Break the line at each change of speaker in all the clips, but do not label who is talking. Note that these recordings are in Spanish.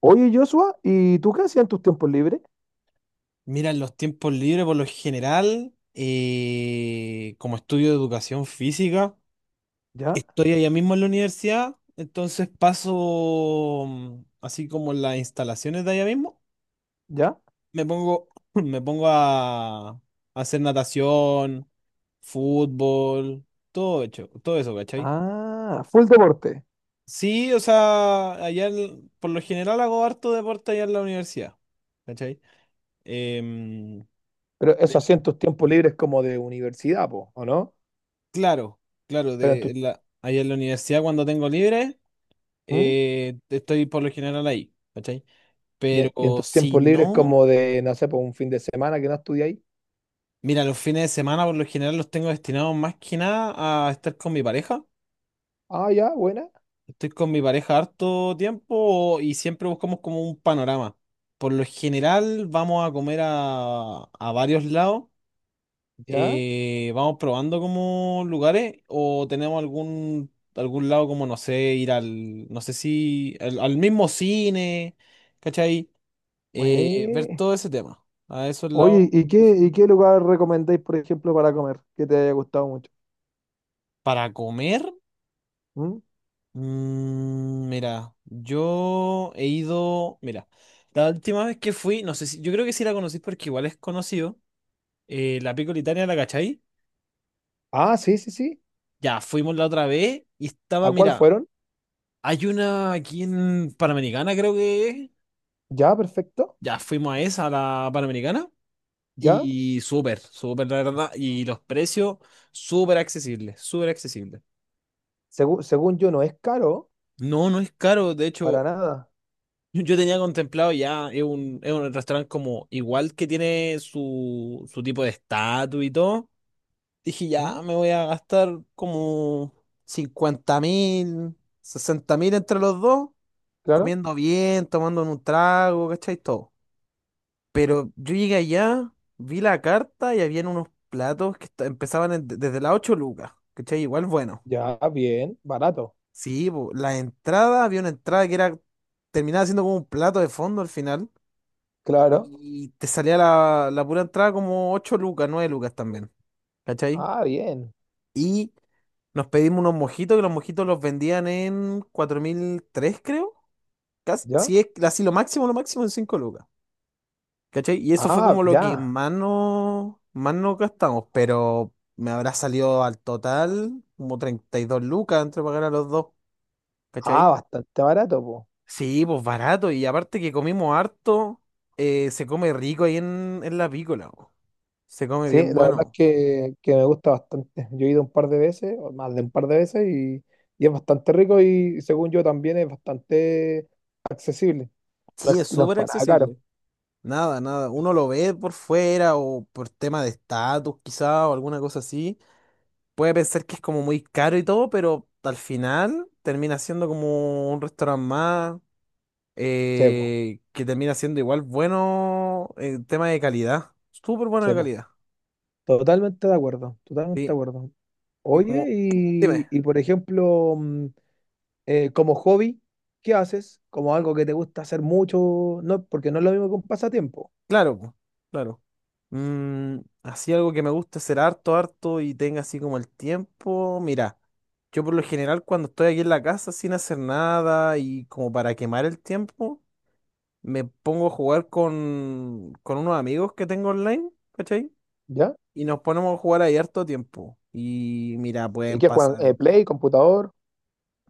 Oye, Joshua, ¿y tú qué hacías en tus tiempos libres?
Mira, en los tiempos libres, por lo general, como estudio de educación física,
¿Ya?
estoy allá mismo en la universidad, entonces paso, así como las instalaciones de allá mismo,
¿Ya?
me pongo, me pongo a hacer natación, fútbol, todo hecho, todo eso, ¿cachai?
Ah, full deporte.
Sí, o sea, por lo general hago harto deporte allá en la universidad, ¿cachai? Em,
Pero eso hacía en tus tiempos libres como de universidad, po, ¿o no?
Claro, claro,
Pero en tu,
ahí en la universidad cuando tengo libre,
¿mm?
estoy por lo general ahí, ¿cachai?
¿Y en
Pero
tus
si
tiempos libres
no,
como de, no sé, por un fin de semana que no estudiáis?
mira, los fines de semana por lo general los tengo destinados más que nada a estar con mi pareja.
Ah, ya, buena,
Estoy con mi pareja harto tiempo y siempre buscamos como un panorama. Por lo general vamos a comer a varios lados,
ya.
vamos probando como lugares o tenemos algún lado como no sé, ir al no sé si al mismo cine, ¿cachai? Ver
Güey.
todo ese tema. A esos lados
Oye, ¿y qué, lugar recomendáis, por ejemplo, para comer que te haya gustado mucho?
para comer,
¿Mm?
mira, yo he ido, mira, la última vez que fui, no sé si yo creo que sí la conocí porque igual es conocido, la Pícola Italia, ¿la cachai?
Ah, sí, sí, sí.
Ya fuimos la otra vez y estaba,
¿A cuál
mira,
fueron?
hay una aquí en Panamericana, creo que es.
Ya, perfecto,
Ya fuimos a esa, a la Panamericana,
ya.
y súper, súper, la verdad. Y los precios, súper accesibles, súper accesibles.
Según yo, no es caro,
No, no es caro. De
para
hecho,
nada.
yo tenía contemplado ya, es un restaurante como igual que tiene su tipo de estatus y todo. Dije, ya
¿Mm?
me voy a gastar como 50.000, 60.000 entre los dos,
Claro.
comiendo bien, tomando un trago, ¿cachai? Todo. Pero yo llegué allá, vi la carta y habían unos platos empezaban desde las 8 lucas, ¿cachai? Igual bueno.
Ya, bien, barato.
Sí, po, la entrada, había una entrada que era, terminaba siendo como un plato de fondo al final
Claro.
y te salía la pura entrada como 8 lucas, 9 lucas también, ¿cachai?
Ah, bien.
Y nos pedimos unos mojitos, que los mojitos los vendían en 4.003 creo. Casi,
Ya.
sí, es así lo máximo en 5 lucas. ¿Cachai? Y eso fue
Ah,
como lo que
ya.
más no gastamos, pero me habrá salido al total como 32 lucas entre pagar a los dos,
Ah,
¿cachai?
bastante barato, po.
Sí, pues barato, y aparte que comimos harto, se come rico ahí en la pícola, po. Se come
Sí,
bien
la verdad es
bueno.
que, me gusta bastante. Yo he ido un par de veces, o más de un par de veces, y es bastante rico y según yo también es bastante accesible. No es,
Sí, es
no es
súper
para nada caro.
accesible. Nada, nada. Uno lo ve por fuera o por tema de estatus, quizá, o alguna cosa así. Puede pensar que es como muy caro y todo, pero al final termina siendo como un restaurante más,
Sepo,
que termina siendo igual bueno en tema de calidad. Súper bueno de
sepo.
calidad.
Totalmente de acuerdo, totalmente de
Sí.
acuerdo.
Y
Oye,
como, dime,
y por ejemplo, como hobby, ¿qué haces? Como algo que te gusta hacer mucho, no, porque no es lo mismo que un pasatiempo.
claro, po, claro. Mm, así algo que me gusta hacer harto, harto y tenga así como el tiempo. Mira, yo por lo general cuando estoy aquí en la casa sin hacer nada y como para quemar el tiempo, me pongo a jugar con unos amigos que tengo online, ¿cachai?
¿Ya?
Y nos ponemos a jugar ahí harto tiempo. Y mira,
¿Y
pueden
qué juegan?
pasar.
Play, computador.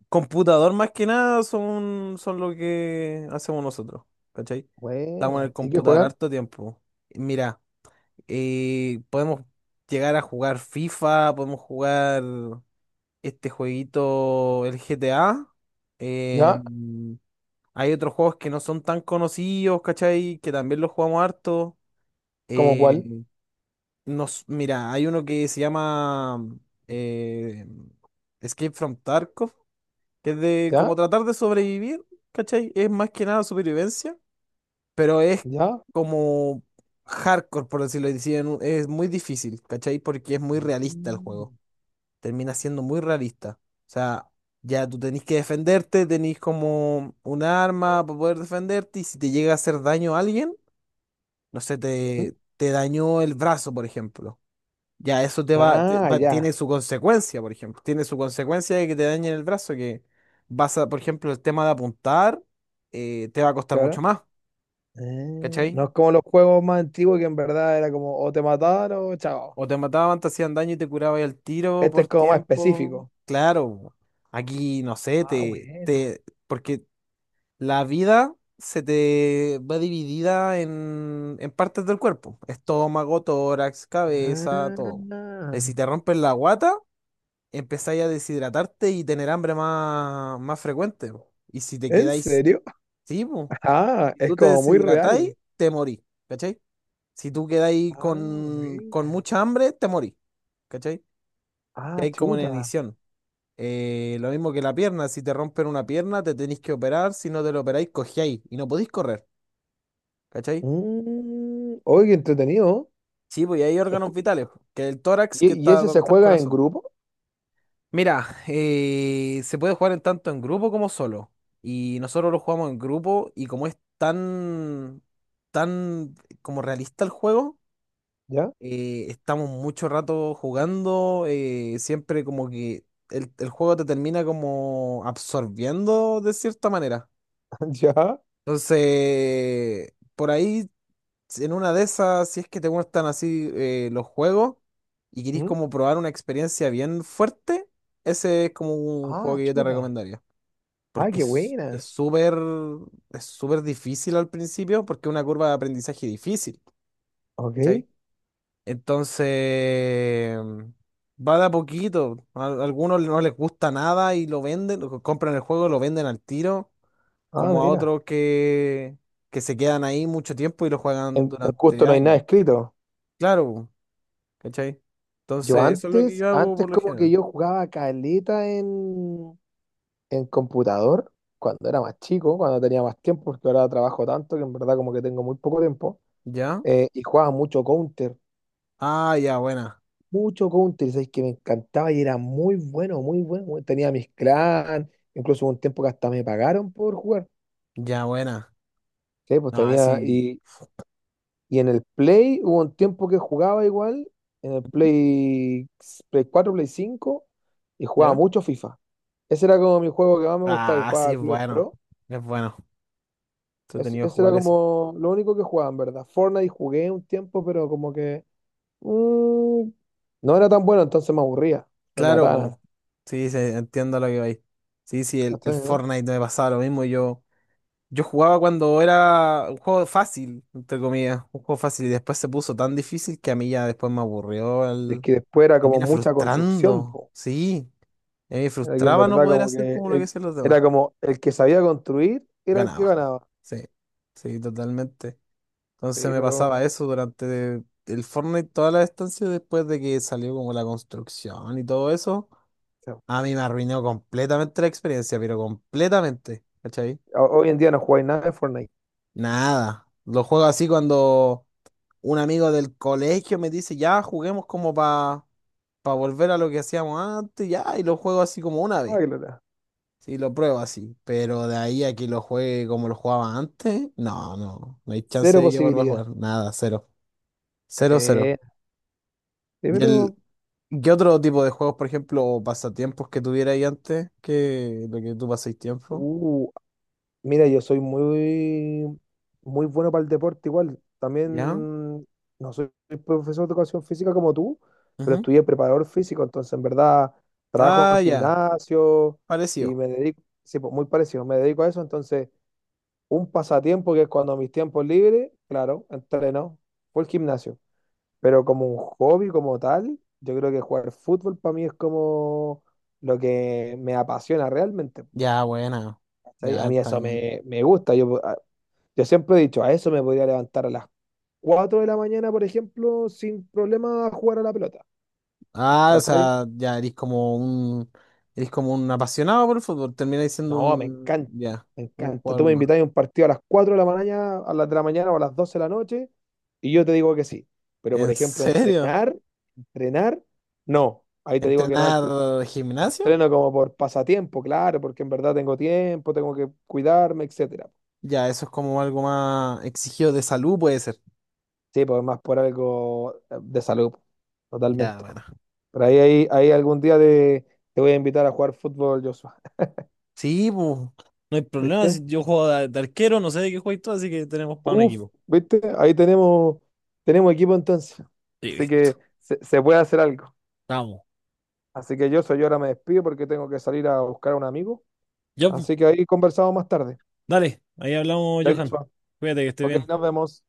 Computador más que nada son, son lo que hacemos nosotros, ¿cachai? Estamos en el
Buena. ¿Y qué
computador
juegan?
harto tiempo. Y mira, podemos llegar a jugar FIFA, podemos jugar este jueguito, el GTA. eh,
¿Ya?
hay otros juegos que no son tan conocidos, ¿cachai? Que también los jugamos harto.
¿Cómo cuál?
Eh, mira, hay uno que se llama eh, Escape from Tarkov que es de
¿Ya?
como tratar de sobrevivir, ¿cachai? Es más que nada supervivencia, pero es
¿Ya?
como hardcore, por decirlo así, es muy difícil, ¿cachai? Porque es muy realista el juego,
Mm,
termina siendo muy realista. O sea, ya tú tenés que defenderte, tenés como un arma para poder defenderte y si te llega a hacer daño a alguien, no sé,
mm.
te dañó el brazo, por ejemplo. Ya eso
Ah, ya,
tiene su consecuencia, por ejemplo. Tiene su consecuencia de que te dañen el brazo, que vas a, por ejemplo, el tema de apuntar, te va a costar mucho
claro.
más,
Ah,
¿cachai?
no es como los juegos más antiguos que en verdad era como o te mataron o chao.
O te mataban, te hacían daño y te curabas el tiro
Este
por
es como más
tiempo.
específico.
Claro, aquí, no sé,
Ah,
te,
bueno.
te, porque la vida se te va dividida en partes del cuerpo. Estómago, tórax, cabeza, todo.
Ah,
Si te rompen la guata empezáis a deshidratarte y tener hambre más frecuente, po. Y si te
¿en
quedáis,
serio?
sí, po.
Ah,
Si
es
tú te
como muy
deshidratáis,
real.
te morís, ¿cachai? Si tú quedáis
Ah,
con
buena.
mucha hambre, te morís, ¿cachai? Y
Ah,
hay como una
chuta.
edición, lo mismo que la pierna, si te rompen una pierna, te tenéis que operar, si no te lo operáis, cojeáis y no podéis correr, ¿cachai?
Oye, qué entretenido.
Sí, pues y hay
Se
órganos
escu-
vitales, po, que el tórax que
y
está
ese
donde
se
está el
juega en
corazón.
grupo?
Mira, se puede jugar en tanto en grupo como solo. Y nosotros lo jugamos en grupo y como es tan como realista el juego,
¿Ya?
estamos mucho rato jugando, siempre como que el juego te termina como absorbiendo de cierta manera.
¿Ya?
Entonces, por ahí si, en una de esas, si es que te gustan así, los juegos y querís
Mm.
como probar una experiencia bien fuerte, ese es como un juego
Ah,
que yo te
chuta.
recomendaría.
Ah,
Porque
qué
es
buena.
es súper es súper difícil al principio, porque es una curva de aprendizaje difícil,
Ok.
¿cachai? Entonces, va de a poquito. A algunos no les gusta nada y lo venden, lo compran el juego, lo venden al tiro,
Ah,
como a
mira.
otros que, se quedan ahí mucho tiempo y lo juegan
En
durante
justo no hay nada
años.
escrito.
Claro. ¿Cachai?
Yo
Entonces, eso es lo que
antes,
yo hago
antes
por lo
como que
general.
yo jugaba caleta en computador, cuando era más chico, cuando tenía más tiempo, porque ahora trabajo tanto que en verdad como que tengo muy poco tiempo.
¿Ya?
Y jugaba mucho Counter.
Ah, ya, buena.
Mucho country, ¿sabes? Que me encantaba y era muy bueno, muy bueno. Bueno, tenía mis clan, incluso hubo un tiempo que hasta me pagaron por jugar.
Ya, buena.
Sí, pues
Ah,
tenía.
sí.
Y en el Play hubo un tiempo que jugaba igual, en el Play, Play 4 Play 5, y jugaba
¿Ya?
mucho FIFA. Ese era como mi juego que más me gustaba, que
Ah, sí,
jugaba
es
Clubes
bueno.
Pro.
Es bueno.
Es-
Entretenido
ese era
jugar eso.
como lo único que jugaba, en verdad. Fortnite jugué un tiempo, pero como que mm, no era tan bueno, entonces me aburría. Me
Claro,
mataban.
pues. Sí, sí, entiendo lo que vais. Sí, sí, el Fortnite me pasaba lo mismo. Yo jugaba cuando era un juego fácil, entre comillas. Un juego fácil. Y después se puso tan difícil que a mí ya después me aburrió.
Es
El...
que después era como
Termina
mucha construcción,
frustrando.
po.
Sí. A mí me
Era que en
frustraba no
verdad
poder
como
hacer
que
como lo que hacían los demás.
era como el que sabía construir era el que
Ganaba.
ganaba.
Sí, sí, totalmente.
Sí,
Entonces me
pero
pasaba
o
eso durante el Fortnite, toda la estancia, después de que salió como la construcción y todo eso.
sea,
A mí me arruinó completamente la experiencia, pero completamente. ¿Cachai?
hoy en día no jugáis nada de Fortnite.
Nada. Lo juego así cuando un amigo del colegio me dice, ya, juguemos como para volver a lo que hacíamos antes, ya, y lo juego así como una vez.
Nada que lograr.
Sí, lo pruebo así, pero de ahí a que lo juegue como lo jugaba antes, no, no, no hay chance
Cero
de que vuelva a
posibilidad.
jugar, nada, cero, cero, cero.
Eh, sí,
¿Y el,
pero
qué otro tipo de juegos, por ejemplo, o pasatiempos que tuviera ahí antes que lo que tú paséis tiempo?
uh, mira, yo soy muy, muy bueno para el deporte igual.
¿Ya?
También no soy profesor de educación física como tú, pero
Ujú.
estudié preparador físico, entonces en verdad trabajo en
Ah, ya,
gimnasio y
parecido.
me dedico, sí, pues muy parecido, me dedico a eso, entonces un pasatiempo que es cuando mis tiempos libres, claro, entreno, fue el gimnasio, pero como un hobby como tal, yo creo que jugar fútbol para mí es como lo que me apasiona realmente.
Ya, buena,
¿Cachai?
ya
A mí
está
eso
bien.
me gusta. Yo siempre he dicho, a eso me podría levantar a las 4 de la mañana, por ejemplo, sin problema a jugar a la pelota.
Ah, o
¿Cachai?
sea, ya eres como un apasionado por el fútbol, termináis siendo
No, me
un,
encanta,
ya,
me
un
encanta.
jugador
Tú me
más.
invitas a un partido a las 4 de la mañana, a las de la mañana o a las 12 de la noche, y yo te digo que sí. Pero, por
¿En
ejemplo,
serio?
entrenar, entrenar, no. Ahí te digo que no al
¿Entrenar
tiro. Lo
gimnasio?
entreno como por pasatiempo, claro, porque en verdad tengo tiempo, tengo que cuidarme, etcétera.
Ya, eso es como algo más exigido de salud, puede ser.
Sí, pues más por algo de salud,
Ya,
totalmente.
bueno.
Por ahí algún día te voy a invitar a jugar fútbol, Joshua.
Sí, pues, no hay problema.
¿Viste?
Si yo juego de arquero, no sé de qué juego y todo así que tenemos para un
Uf,
equipo.
¿viste? Ahí tenemos, equipo entonces.
Y
Así
listo.
que se puede hacer algo.
Vamos.
Así que Joshua, yo ahora me despido porque tengo que salir a buscar a un amigo.
Ya, pues,
Así que ahí conversamos más tarde.
dale. Ahí hablamos,
Ya,
Johan.
Joshua.
Cuídate, que esté
Ok,
bien.
nos vemos.